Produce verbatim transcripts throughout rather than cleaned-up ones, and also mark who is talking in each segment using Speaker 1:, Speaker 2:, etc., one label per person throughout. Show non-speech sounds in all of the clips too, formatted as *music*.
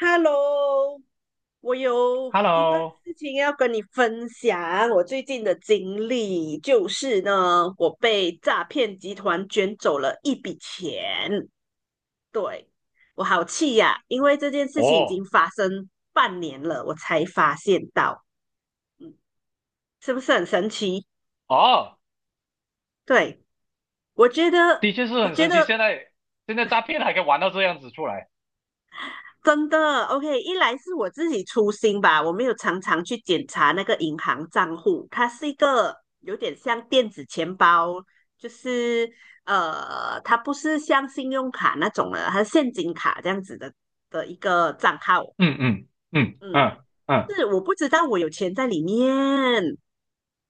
Speaker 1: Hello，我有一个
Speaker 2: Hello，
Speaker 1: 事情要跟你分享，我最近的经历就是呢，我被诈骗集团卷走了一笔钱，对，我好气呀，因为这件事情已
Speaker 2: 哦
Speaker 1: 经发生半年了，我才发现到，嗯，是不是很神奇？
Speaker 2: 哦，
Speaker 1: 对，我觉得，
Speaker 2: 的确是
Speaker 1: 我
Speaker 2: 很
Speaker 1: 觉
Speaker 2: 神奇。
Speaker 1: 得
Speaker 2: 现在现在诈骗还可以玩到这样子出来。
Speaker 1: 真的，OK，一来是我自己粗心吧，我没有常常去检查那个银行账户，它是一个有点像电子钱包，就是呃，它不是像信用卡那种的，它是现金卡这样子的的一个账号，
Speaker 2: 嗯嗯嗯
Speaker 1: 嗯，
Speaker 2: 嗯
Speaker 1: 就
Speaker 2: 嗯。
Speaker 1: 是我不知道我有钱在里面，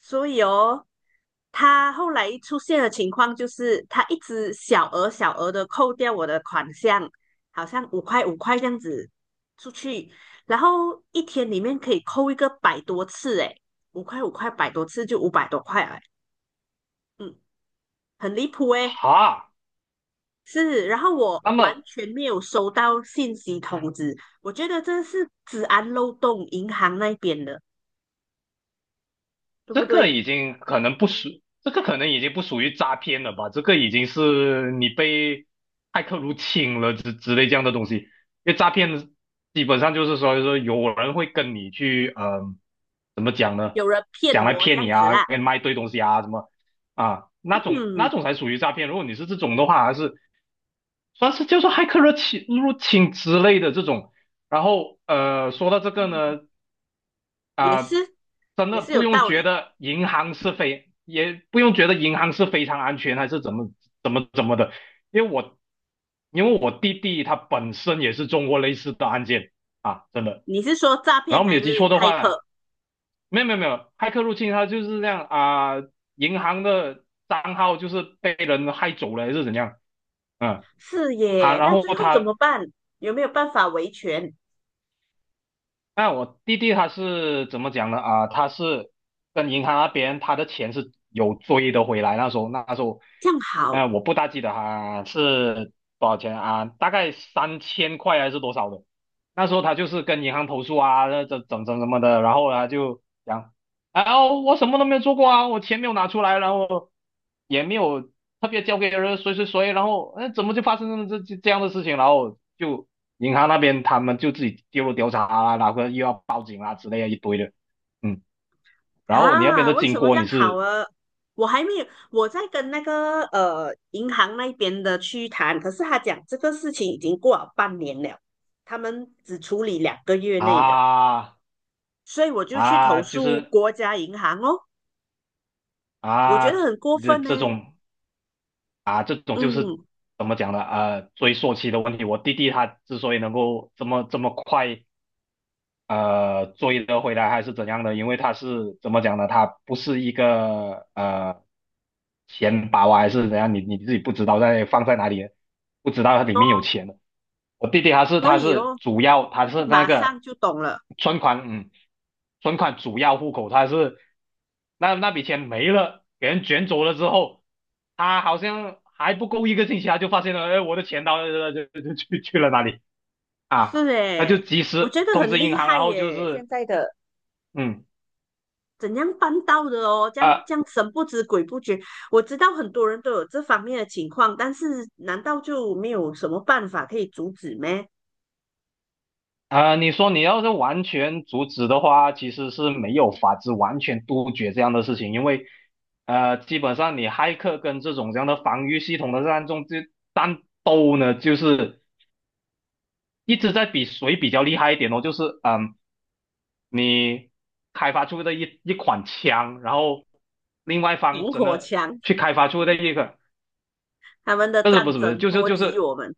Speaker 1: 所以哦，他后来出现的情况就是他一直小额小额的扣掉我的款项，好像五块五块这样子出去，然后一天里面可以扣一个百多次，诶，五块五块百多次就五百多块了，嗯，很离谱诶。
Speaker 2: 哈。
Speaker 1: 是，然后我
Speaker 2: 那
Speaker 1: 完
Speaker 2: 么
Speaker 1: 全没有收到信息通知，我觉得这是治安漏洞，银行那边的，对不
Speaker 2: 这个
Speaker 1: 对？
Speaker 2: 已经可能不属，这个可能已经不属于诈骗了吧？这个已经是你被骇客入侵了之之类这样的东西。因为诈骗基本上就是说，说有人会跟你去，嗯、怎么讲呢？
Speaker 1: 有人骗
Speaker 2: 讲来
Speaker 1: 我这
Speaker 2: 骗
Speaker 1: 样
Speaker 2: 你
Speaker 1: 子
Speaker 2: 啊，
Speaker 1: 啦。
Speaker 2: 给你卖一堆东西啊，什么啊，那种那
Speaker 1: 嗯，
Speaker 2: 种才属于诈骗。如果你是这种的话，还是算是叫做骇客入侵入侵之类的这种。然后呃，说到这个呢，
Speaker 1: 也
Speaker 2: 啊、
Speaker 1: 是
Speaker 2: 真
Speaker 1: 也
Speaker 2: 的
Speaker 1: 是有
Speaker 2: 不用
Speaker 1: 道
Speaker 2: 觉
Speaker 1: 理。
Speaker 2: 得银行是非，也不用觉得银行是非常安全还是怎么怎么怎么的。因为我因为我弟弟他本身也是中过类似的案件啊，真的。
Speaker 1: 你是说诈
Speaker 2: 然
Speaker 1: 骗
Speaker 2: 后没
Speaker 1: 还
Speaker 2: 有
Speaker 1: 是
Speaker 2: 记错的
Speaker 1: 骇
Speaker 2: 话，
Speaker 1: 客？
Speaker 2: 没有没有没有，骇客入侵他就是这样啊、银行的账号就是被人害走了还是怎样。嗯。
Speaker 1: 是
Speaker 2: 他
Speaker 1: 耶，
Speaker 2: 然
Speaker 1: 那
Speaker 2: 后
Speaker 1: 最后怎
Speaker 2: 他
Speaker 1: 么办？有没有办法维权？
Speaker 2: 那我弟弟他是怎么讲呢？啊，他是跟银行那边他的钱是有追的回来。那时候，那时候，
Speaker 1: 这样
Speaker 2: 呃，
Speaker 1: 好
Speaker 2: 我不大记得他是多少钱啊，大概三千块还是多少的。那时候他就是跟银行投诉啊，这这怎怎什么的，然后呢就讲，啊，我什么都没有做过啊，我钱没有拿出来，然后也没有特别交给人谁谁谁，然后哎怎么就发生这这这样的事情，然后就银行那边他们就自己介入调查啊，然后又要报警啊之类的一堆的。嗯。然后你那边
Speaker 1: 啊？
Speaker 2: 的
Speaker 1: 为
Speaker 2: 经
Speaker 1: 什么这
Speaker 2: 过你
Speaker 1: 样好
Speaker 2: 是
Speaker 1: 啊？我还没有，我在跟那个呃银行那边的去谈，可是他讲这个事情已经过了半年了，他们只处理两个月内的，
Speaker 2: 啊
Speaker 1: 所以我就去投
Speaker 2: 啊就
Speaker 1: 诉
Speaker 2: 是
Speaker 1: 国家银行哦，我觉
Speaker 2: 啊
Speaker 1: 得很过
Speaker 2: 这
Speaker 1: 分呢。
Speaker 2: 这种啊这种就是
Speaker 1: 嗯，
Speaker 2: 怎么讲呢？呃，追溯期的问题，我弟弟他之所以能够这么这么快。呃追得回来还是怎样的，因为他是怎么讲呢？他不是一个呃钱包啊，还是怎样？你你自己不知道在放在哪里，不知道它里面有钱的。我弟弟他是
Speaker 1: 所
Speaker 2: 他
Speaker 1: 以
Speaker 2: 是
Speaker 1: 咯，
Speaker 2: 主要他是那
Speaker 1: 马
Speaker 2: 个
Speaker 1: 上就懂了。
Speaker 2: 存款。嗯。存款主要户口，他是那那笔钱没了，给人卷走了之后，他好像还不够一个星期，他就发现了，哎，我的钱到呃就就就去去了哪里
Speaker 1: 是
Speaker 2: 啊？他就
Speaker 1: 诶，
Speaker 2: 及
Speaker 1: 我
Speaker 2: 时
Speaker 1: 觉得
Speaker 2: 通
Speaker 1: 很
Speaker 2: 知
Speaker 1: 厉
Speaker 2: 银行，然
Speaker 1: 害
Speaker 2: 后就
Speaker 1: 耶，
Speaker 2: 是
Speaker 1: 现在的
Speaker 2: 嗯。
Speaker 1: 怎样办到的哦？这样
Speaker 2: 啊。
Speaker 1: 这样神不知鬼不觉，我知道很多人都有这方面的情况，但是难道就没有什么办法可以阻止咩？
Speaker 2: 啊、你说你要是完全阻止的话，其实是没有法子完全杜绝这样的事情，因为呃，基本上你骇客跟这种这样的防御系统的战中这战斗呢，就是一直在比谁比较厉害一点哦，就是嗯，你开发出的一一款枪，然后另外一方
Speaker 1: 萤
Speaker 2: 真
Speaker 1: 火
Speaker 2: 的
Speaker 1: 墙，
Speaker 2: 去开发出的一个，
Speaker 1: 他们的
Speaker 2: 不是不
Speaker 1: 战
Speaker 2: 是不是，
Speaker 1: 争
Speaker 2: 就是
Speaker 1: 波
Speaker 2: 就
Speaker 1: 及
Speaker 2: 是
Speaker 1: 我们。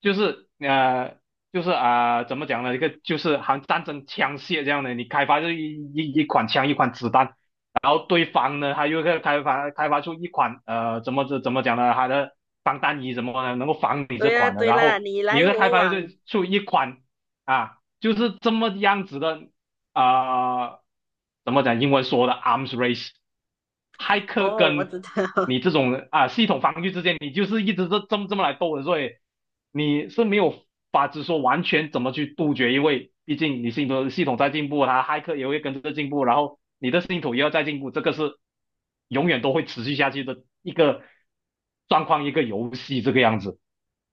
Speaker 2: 就是呃，就是啊、呃怎么讲呢？一个就是好像战争枪械这样的，你开发出一一一款枪，一款子弹，然后对方呢，他又开开发开发出一款呃，怎么怎怎么讲呢？他的防弹衣什么的，能够防你这
Speaker 1: 对呀，
Speaker 2: 款的，
Speaker 1: 对
Speaker 2: 然
Speaker 1: 啦，
Speaker 2: 后
Speaker 1: 你
Speaker 2: 你
Speaker 1: 来
Speaker 2: 又再开
Speaker 1: 我
Speaker 2: 发出
Speaker 1: 往。
Speaker 2: 出一款啊，就是这么样子的啊、怎么讲？英文说的 arms race，骇客
Speaker 1: 哦，我
Speaker 2: 跟
Speaker 1: 知道，*laughs*
Speaker 2: 你这种啊系统防御之间，你就是一直这这么这么来斗的，所以你是没有法子说完全怎么去杜绝，因为毕竟你系统系统在进步，它骇客也会跟着进步，然后你的系统也要在进步，这个是永远都会持续下去的一个状况，一个游戏这个样子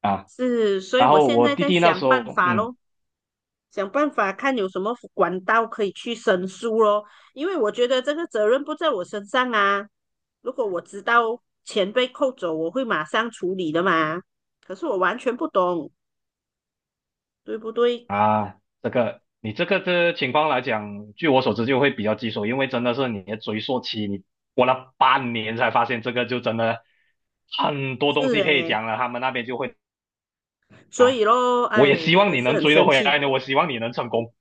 Speaker 2: 啊。
Speaker 1: 是，所以
Speaker 2: 然
Speaker 1: 我
Speaker 2: 后
Speaker 1: 现
Speaker 2: 我
Speaker 1: 在
Speaker 2: 弟
Speaker 1: 在
Speaker 2: 弟那
Speaker 1: 想
Speaker 2: 时候，
Speaker 1: 办法
Speaker 2: 嗯。
Speaker 1: 咯。想办法看有什么管道可以去申诉咯，因为我觉得这个责任不在我身上啊。如果我知道钱被扣走，我会马上处理的嘛。可是我完全不懂，对不对？
Speaker 2: 啊，这个你这个的情况来讲，据我所知就会比较棘手，因为真的是你的追溯期，你过了半年才发现这个，就真的很多东
Speaker 1: 是
Speaker 2: 西可以
Speaker 1: 诶，
Speaker 2: 讲了。他们那边就会
Speaker 1: 所
Speaker 2: 啊，
Speaker 1: 以咯，
Speaker 2: 我也
Speaker 1: 哎，
Speaker 2: 希
Speaker 1: 真
Speaker 2: 望
Speaker 1: 的
Speaker 2: 你
Speaker 1: 是
Speaker 2: 能
Speaker 1: 很
Speaker 2: 追得
Speaker 1: 生
Speaker 2: 回
Speaker 1: 气。
Speaker 2: 来呢，我希望你能成功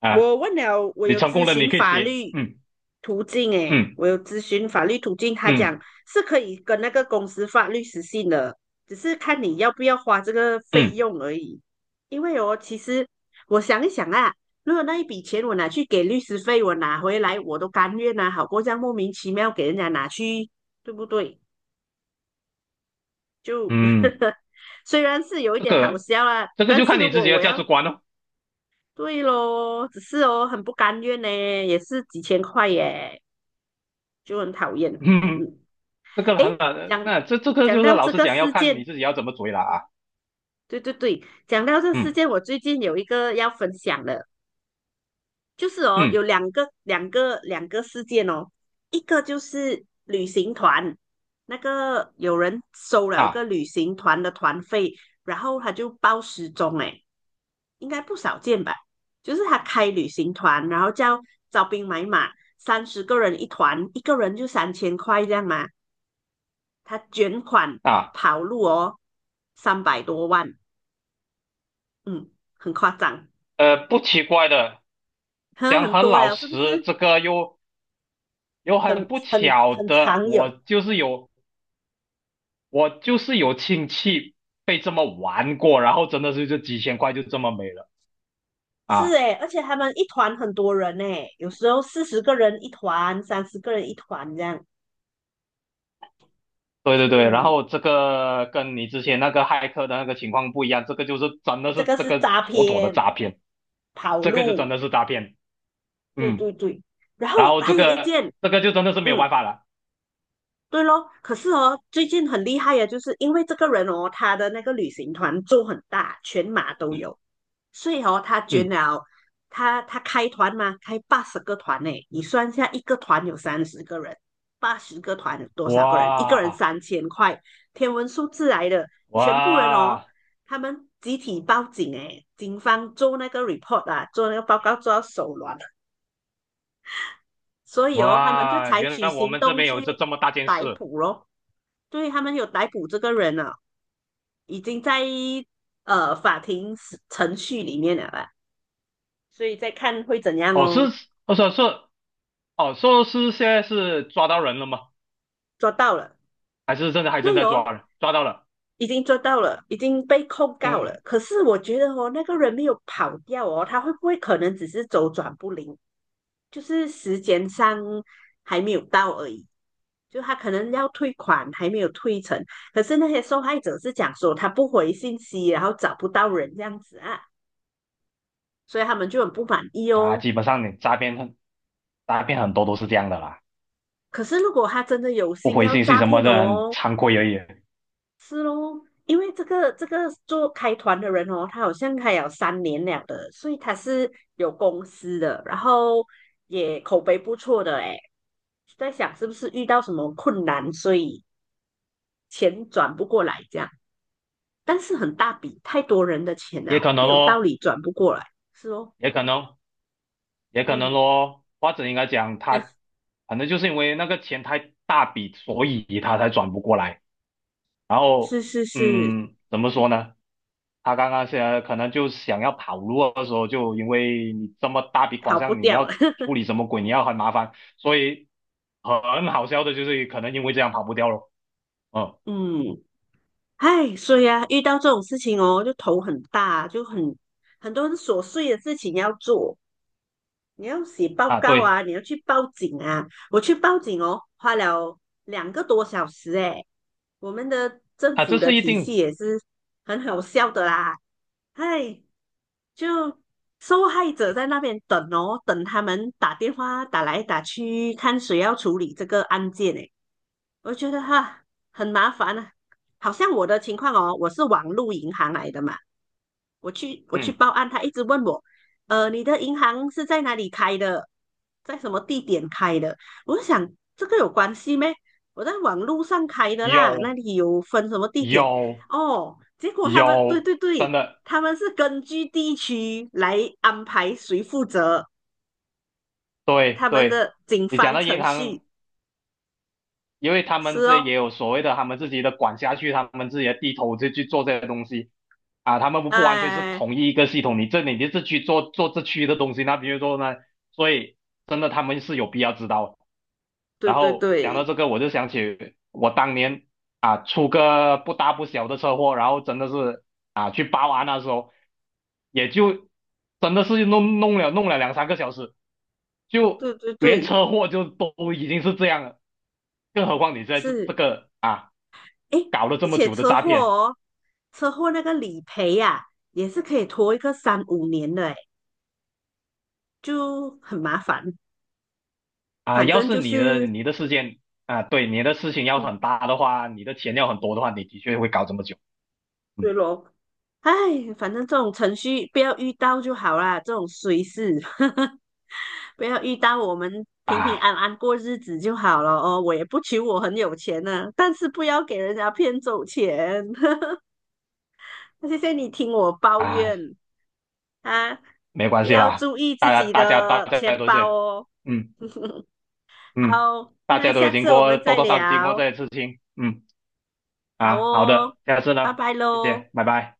Speaker 2: 啊，
Speaker 1: 我问了，我
Speaker 2: 你
Speaker 1: 有
Speaker 2: 成
Speaker 1: 咨
Speaker 2: 功了，你
Speaker 1: 询
Speaker 2: 可以
Speaker 1: 法
Speaker 2: 写，
Speaker 1: 律
Speaker 2: 嗯
Speaker 1: 途径，诶，
Speaker 2: 嗯
Speaker 1: 我有咨询法律途径，他讲
Speaker 2: 嗯
Speaker 1: 是可以跟那个公司法律实行的，只是看你要不要花这个费
Speaker 2: 嗯
Speaker 1: 用而已。因为哦，其实我想一想啊，如果那一笔钱我拿去给律师费，我拿回来我都甘愿啊，好过这样莫名其妙给人家拿去，对不对？就
Speaker 2: 嗯，
Speaker 1: *laughs* 虽然是有一
Speaker 2: 这
Speaker 1: 点好
Speaker 2: 个
Speaker 1: 笑啊，
Speaker 2: 这个
Speaker 1: 但
Speaker 2: 就
Speaker 1: 是
Speaker 2: 看
Speaker 1: 如
Speaker 2: 你自
Speaker 1: 果
Speaker 2: 己的
Speaker 1: 我
Speaker 2: 价值
Speaker 1: 要
Speaker 2: 观了、哦，
Speaker 1: 对咯，只是哦，很不甘愿呢，也是几千块耶，就很讨厌。
Speaker 2: *laughs* 嗯，
Speaker 1: 嗯，
Speaker 2: 这个
Speaker 1: 诶，
Speaker 2: 很难，
Speaker 1: 讲
Speaker 2: 那这这个
Speaker 1: 讲
Speaker 2: 就是
Speaker 1: 到
Speaker 2: 老
Speaker 1: 这
Speaker 2: 实
Speaker 1: 个
Speaker 2: 讲，要
Speaker 1: 事
Speaker 2: 看你
Speaker 1: 件，
Speaker 2: 自己要怎么追了啊。
Speaker 1: 对对对，讲到这事
Speaker 2: 嗯。
Speaker 1: 件，我最近有一个要分享的，就是哦，有
Speaker 2: 嗯。
Speaker 1: 两个两个两个事件哦，一个就是旅行团，那个有人收了一个
Speaker 2: 啊。
Speaker 1: 旅行团的团费，然后他就报失踪，哎，应该不少见吧？就是他开旅行团，然后叫招兵买马，三十个人一团，一个人就三千块这样嘛，他卷款
Speaker 2: 啊
Speaker 1: 跑路哦，三百多万，嗯，很夸张，
Speaker 2: 呃，不奇怪的，
Speaker 1: 很
Speaker 2: 讲
Speaker 1: 很
Speaker 2: 很
Speaker 1: 多
Speaker 2: 老
Speaker 1: 了，是不
Speaker 2: 实，
Speaker 1: 是？
Speaker 2: 这个又又很
Speaker 1: 很
Speaker 2: 不
Speaker 1: 很
Speaker 2: 巧
Speaker 1: 很
Speaker 2: 的，
Speaker 1: 常
Speaker 2: 我
Speaker 1: 有。
Speaker 2: 就是有我就是有亲戚被这么玩过，然后真的是就几千块就这么没了
Speaker 1: 是
Speaker 2: 啊！
Speaker 1: 诶，而且他们一团很多人诶，有时候四十个人一团，三十个人一团这样，
Speaker 2: 对对
Speaker 1: 所
Speaker 2: 对，然
Speaker 1: 以
Speaker 2: 后这个跟你之前那个骇客的那个情况不一样，这个就是真的
Speaker 1: 这
Speaker 2: 是
Speaker 1: 个
Speaker 2: 这
Speaker 1: 是
Speaker 2: 个
Speaker 1: 诈
Speaker 2: 妥妥的
Speaker 1: 骗
Speaker 2: 诈骗，
Speaker 1: 跑
Speaker 2: 这个就真
Speaker 1: 路，
Speaker 2: 的是诈骗。
Speaker 1: 对
Speaker 2: 嗯。
Speaker 1: 对对。然
Speaker 2: 然
Speaker 1: 后
Speaker 2: 后
Speaker 1: 还
Speaker 2: 这
Speaker 1: 有一
Speaker 2: 个
Speaker 1: 件，
Speaker 2: 这个就真的是没有
Speaker 1: 嗯，
Speaker 2: 办法了。
Speaker 1: 对咯。可是哦，最近很厉害呀，就是因为这个人哦，他的那个旅行团做很大，全马都有，所以哦，他捐
Speaker 2: 嗯。
Speaker 1: 了，他他开团嘛，开八十个团呢。你算一下，一个团有三十个人，八十个团有多少个人？一个人
Speaker 2: 哇
Speaker 1: 三千块，天文数字来的，全部人哦，
Speaker 2: 哇
Speaker 1: 他们集体报警诶，警方做那个 report 啊，做那个报告做到手软了，所以哦，他们就
Speaker 2: 哇，
Speaker 1: 采
Speaker 2: 原
Speaker 1: 取
Speaker 2: 来我
Speaker 1: 行
Speaker 2: 们这
Speaker 1: 动
Speaker 2: 边
Speaker 1: 去
Speaker 2: 有这这么大件
Speaker 1: 逮
Speaker 2: 事。
Speaker 1: 捕咯。对，他们有逮捕这个人了，已经在呃法庭程序里面了啦。所以再看会怎样
Speaker 2: 哦，是，
Speaker 1: 哦。
Speaker 2: 我说是，哦，说是现在是抓到人了吗？
Speaker 1: 抓到了，
Speaker 2: 还是正在还
Speaker 1: 哎
Speaker 2: 正在
Speaker 1: 呦，
Speaker 2: 抓人？抓到了。
Speaker 1: 已经抓到了，已经被控告
Speaker 2: 嗯。
Speaker 1: 了。可是我觉得哦，那个人没有跑掉哦，他会不会可能只是周转不灵，就是时间上还没有到而已。就他可能要退款还没有退成，可是那些受害者是讲说他不回信息，然后找不到人这样子啊，所以他们就很不满意
Speaker 2: 啊，
Speaker 1: 哦。
Speaker 2: 基本上你诈骗很，诈骗很多都是这样的啦，
Speaker 1: 可是如果他真的有
Speaker 2: 不
Speaker 1: 心
Speaker 2: 回
Speaker 1: 要
Speaker 2: 信息
Speaker 1: 诈
Speaker 2: 什
Speaker 1: 骗
Speaker 2: 么的很
Speaker 1: 哦，
Speaker 2: 惭愧而已。
Speaker 1: 是咯，因为这个这个做开团的人哦，他好像开有三年了的，所以他是有公司的，然后也口碑不错的诶，在想是不是遇到什么困难，所以钱转不过来这样，但是很大笔，太多人的钱
Speaker 2: 也
Speaker 1: 了，
Speaker 2: 可
Speaker 1: 没
Speaker 2: 能
Speaker 1: 有道
Speaker 2: 咯，
Speaker 1: 理转不过来，是哦，
Speaker 2: 也可能，也可能
Speaker 1: 嗯，
Speaker 2: 咯，或者应该讲他，
Speaker 1: *laughs*
Speaker 2: 反正就是因为那个钱太大笔，所以他才转不过来。然后，
Speaker 1: 是是是，
Speaker 2: 嗯，怎么说呢？他刚刚现在可能就想要跑路的时候，就因为你这么大笔款
Speaker 1: 逃不
Speaker 2: 项，你
Speaker 1: 掉了，
Speaker 2: 要处
Speaker 1: *laughs*
Speaker 2: 理什么鬼，你要很麻烦，所以很好笑的就是可能因为这样跑不掉了。嗯。
Speaker 1: 嗯，唉，所以啊，遇到这种事情哦，就头很大，就很很多很琐碎的事情要做。你要写报
Speaker 2: 啊，
Speaker 1: 告
Speaker 2: 对
Speaker 1: 啊，你要去报警啊。我去报警哦，花了两个多小时诶。我们的政
Speaker 2: 啊，
Speaker 1: 府
Speaker 2: 这
Speaker 1: 的
Speaker 2: 是一
Speaker 1: 体系
Speaker 2: 定。
Speaker 1: 也是很好笑的啦，唉，就受害者在那边等哦，等他们打电话打来打去，看谁要处理这个案件诶。我觉得哈很麻烦啊，好像我的情况哦，我是网路银行来的嘛，我去我去
Speaker 2: 嗯。
Speaker 1: 报案，他一直问我，呃，你的银行是在哪里开的，在什么地点开的？我就想这个有关系咩？我在网路上开的啦，那
Speaker 2: 有
Speaker 1: 里有分什么地点？
Speaker 2: 有
Speaker 1: 哦，结果他们对
Speaker 2: 有，
Speaker 1: 对
Speaker 2: 真
Speaker 1: 对，
Speaker 2: 的，
Speaker 1: 他们是根据地区来安排谁负责，
Speaker 2: 对
Speaker 1: 他们
Speaker 2: 对，
Speaker 1: 的警
Speaker 2: 你讲
Speaker 1: 方
Speaker 2: 到银
Speaker 1: 程
Speaker 2: 行
Speaker 1: 序
Speaker 2: 因为他们
Speaker 1: 是
Speaker 2: 这
Speaker 1: 哦，
Speaker 2: 也有所谓的他们自己的管辖区，他们自己的地头就去做这些东西啊，他们不不完全是
Speaker 1: 哎，
Speaker 2: 同一个系统，你这里你这区做做这区的东西，那比如说呢，所以真的他们是有必要知道的。
Speaker 1: 对
Speaker 2: 然
Speaker 1: 对
Speaker 2: 后讲到
Speaker 1: 对，
Speaker 2: 这个，我就想起我当年啊出个不大不小的车祸，然后真的是啊去报案那时候，也就真的是弄弄了弄了两三个小时，就
Speaker 1: 对对
Speaker 2: 连
Speaker 1: 对，
Speaker 2: 车祸就都已经是这样了，更何况你在这这
Speaker 1: 是，
Speaker 2: 个啊
Speaker 1: 哎，
Speaker 2: 搞了这
Speaker 1: 而
Speaker 2: 么
Speaker 1: 且
Speaker 2: 久的
Speaker 1: 车
Speaker 2: 诈
Speaker 1: 祸
Speaker 2: 骗
Speaker 1: 哦，车祸那个理赔呀、也是可以拖一个三五年的，哎，就很麻烦。
Speaker 2: 啊，
Speaker 1: 反
Speaker 2: 要
Speaker 1: 正
Speaker 2: 是
Speaker 1: 就
Speaker 2: 你的
Speaker 1: 是，
Speaker 2: 你的事件啊，对你的事情要
Speaker 1: 嗯，
Speaker 2: 很大的话，你的钱要很多的话，你的确会搞这么久。嗯。
Speaker 1: 对咯，哎，反正这种程序不要遇到就好啦，这种衰事，*laughs* 不要遇到，我们平平
Speaker 2: 啊。
Speaker 1: 安安过日子就好了哦。我也不求我很有钱呢、但是不要给人家骗走钱。*laughs* 谢谢你听我抱
Speaker 2: 啊，
Speaker 1: 怨。啊，
Speaker 2: 没关系
Speaker 1: 要
Speaker 2: 啦，
Speaker 1: 注意自
Speaker 2: 大家
Speaker 1: 己
Speaker 2: 大家大
Speaker 1: 的
Speaker 2: 家
Speaker 1: 钱
Speaker 2: 都
Speaker 1: 包
Speaker 2: 是。
Speaker 1: 哦。
Speaker 2: 嗯。嗯。
Speaker 1: 好，
Speaker 2: 大
Speaker 1: 那
Speaker 2: 家都有
Speaker 1: 下
Speaker 2: 经
Speaker 1: 次我
Speaker 2: 过
Speaker 1: 们
Speaker 2: 多
Speaker 1: 再
Speaker 2: 多少少经过
Speaker 1: 聊。
Speaker 2: 这些事情。嗯。
Speaker 1: 好
Speaker 2: 啊，好
Speaker 1: 哦，
Speaker 2: 的，下次呢，
Speaker 1: 拜拜
Speaker 2: 谢
Speaker 1: 喽。
Speaker 2: 谢，拜拜。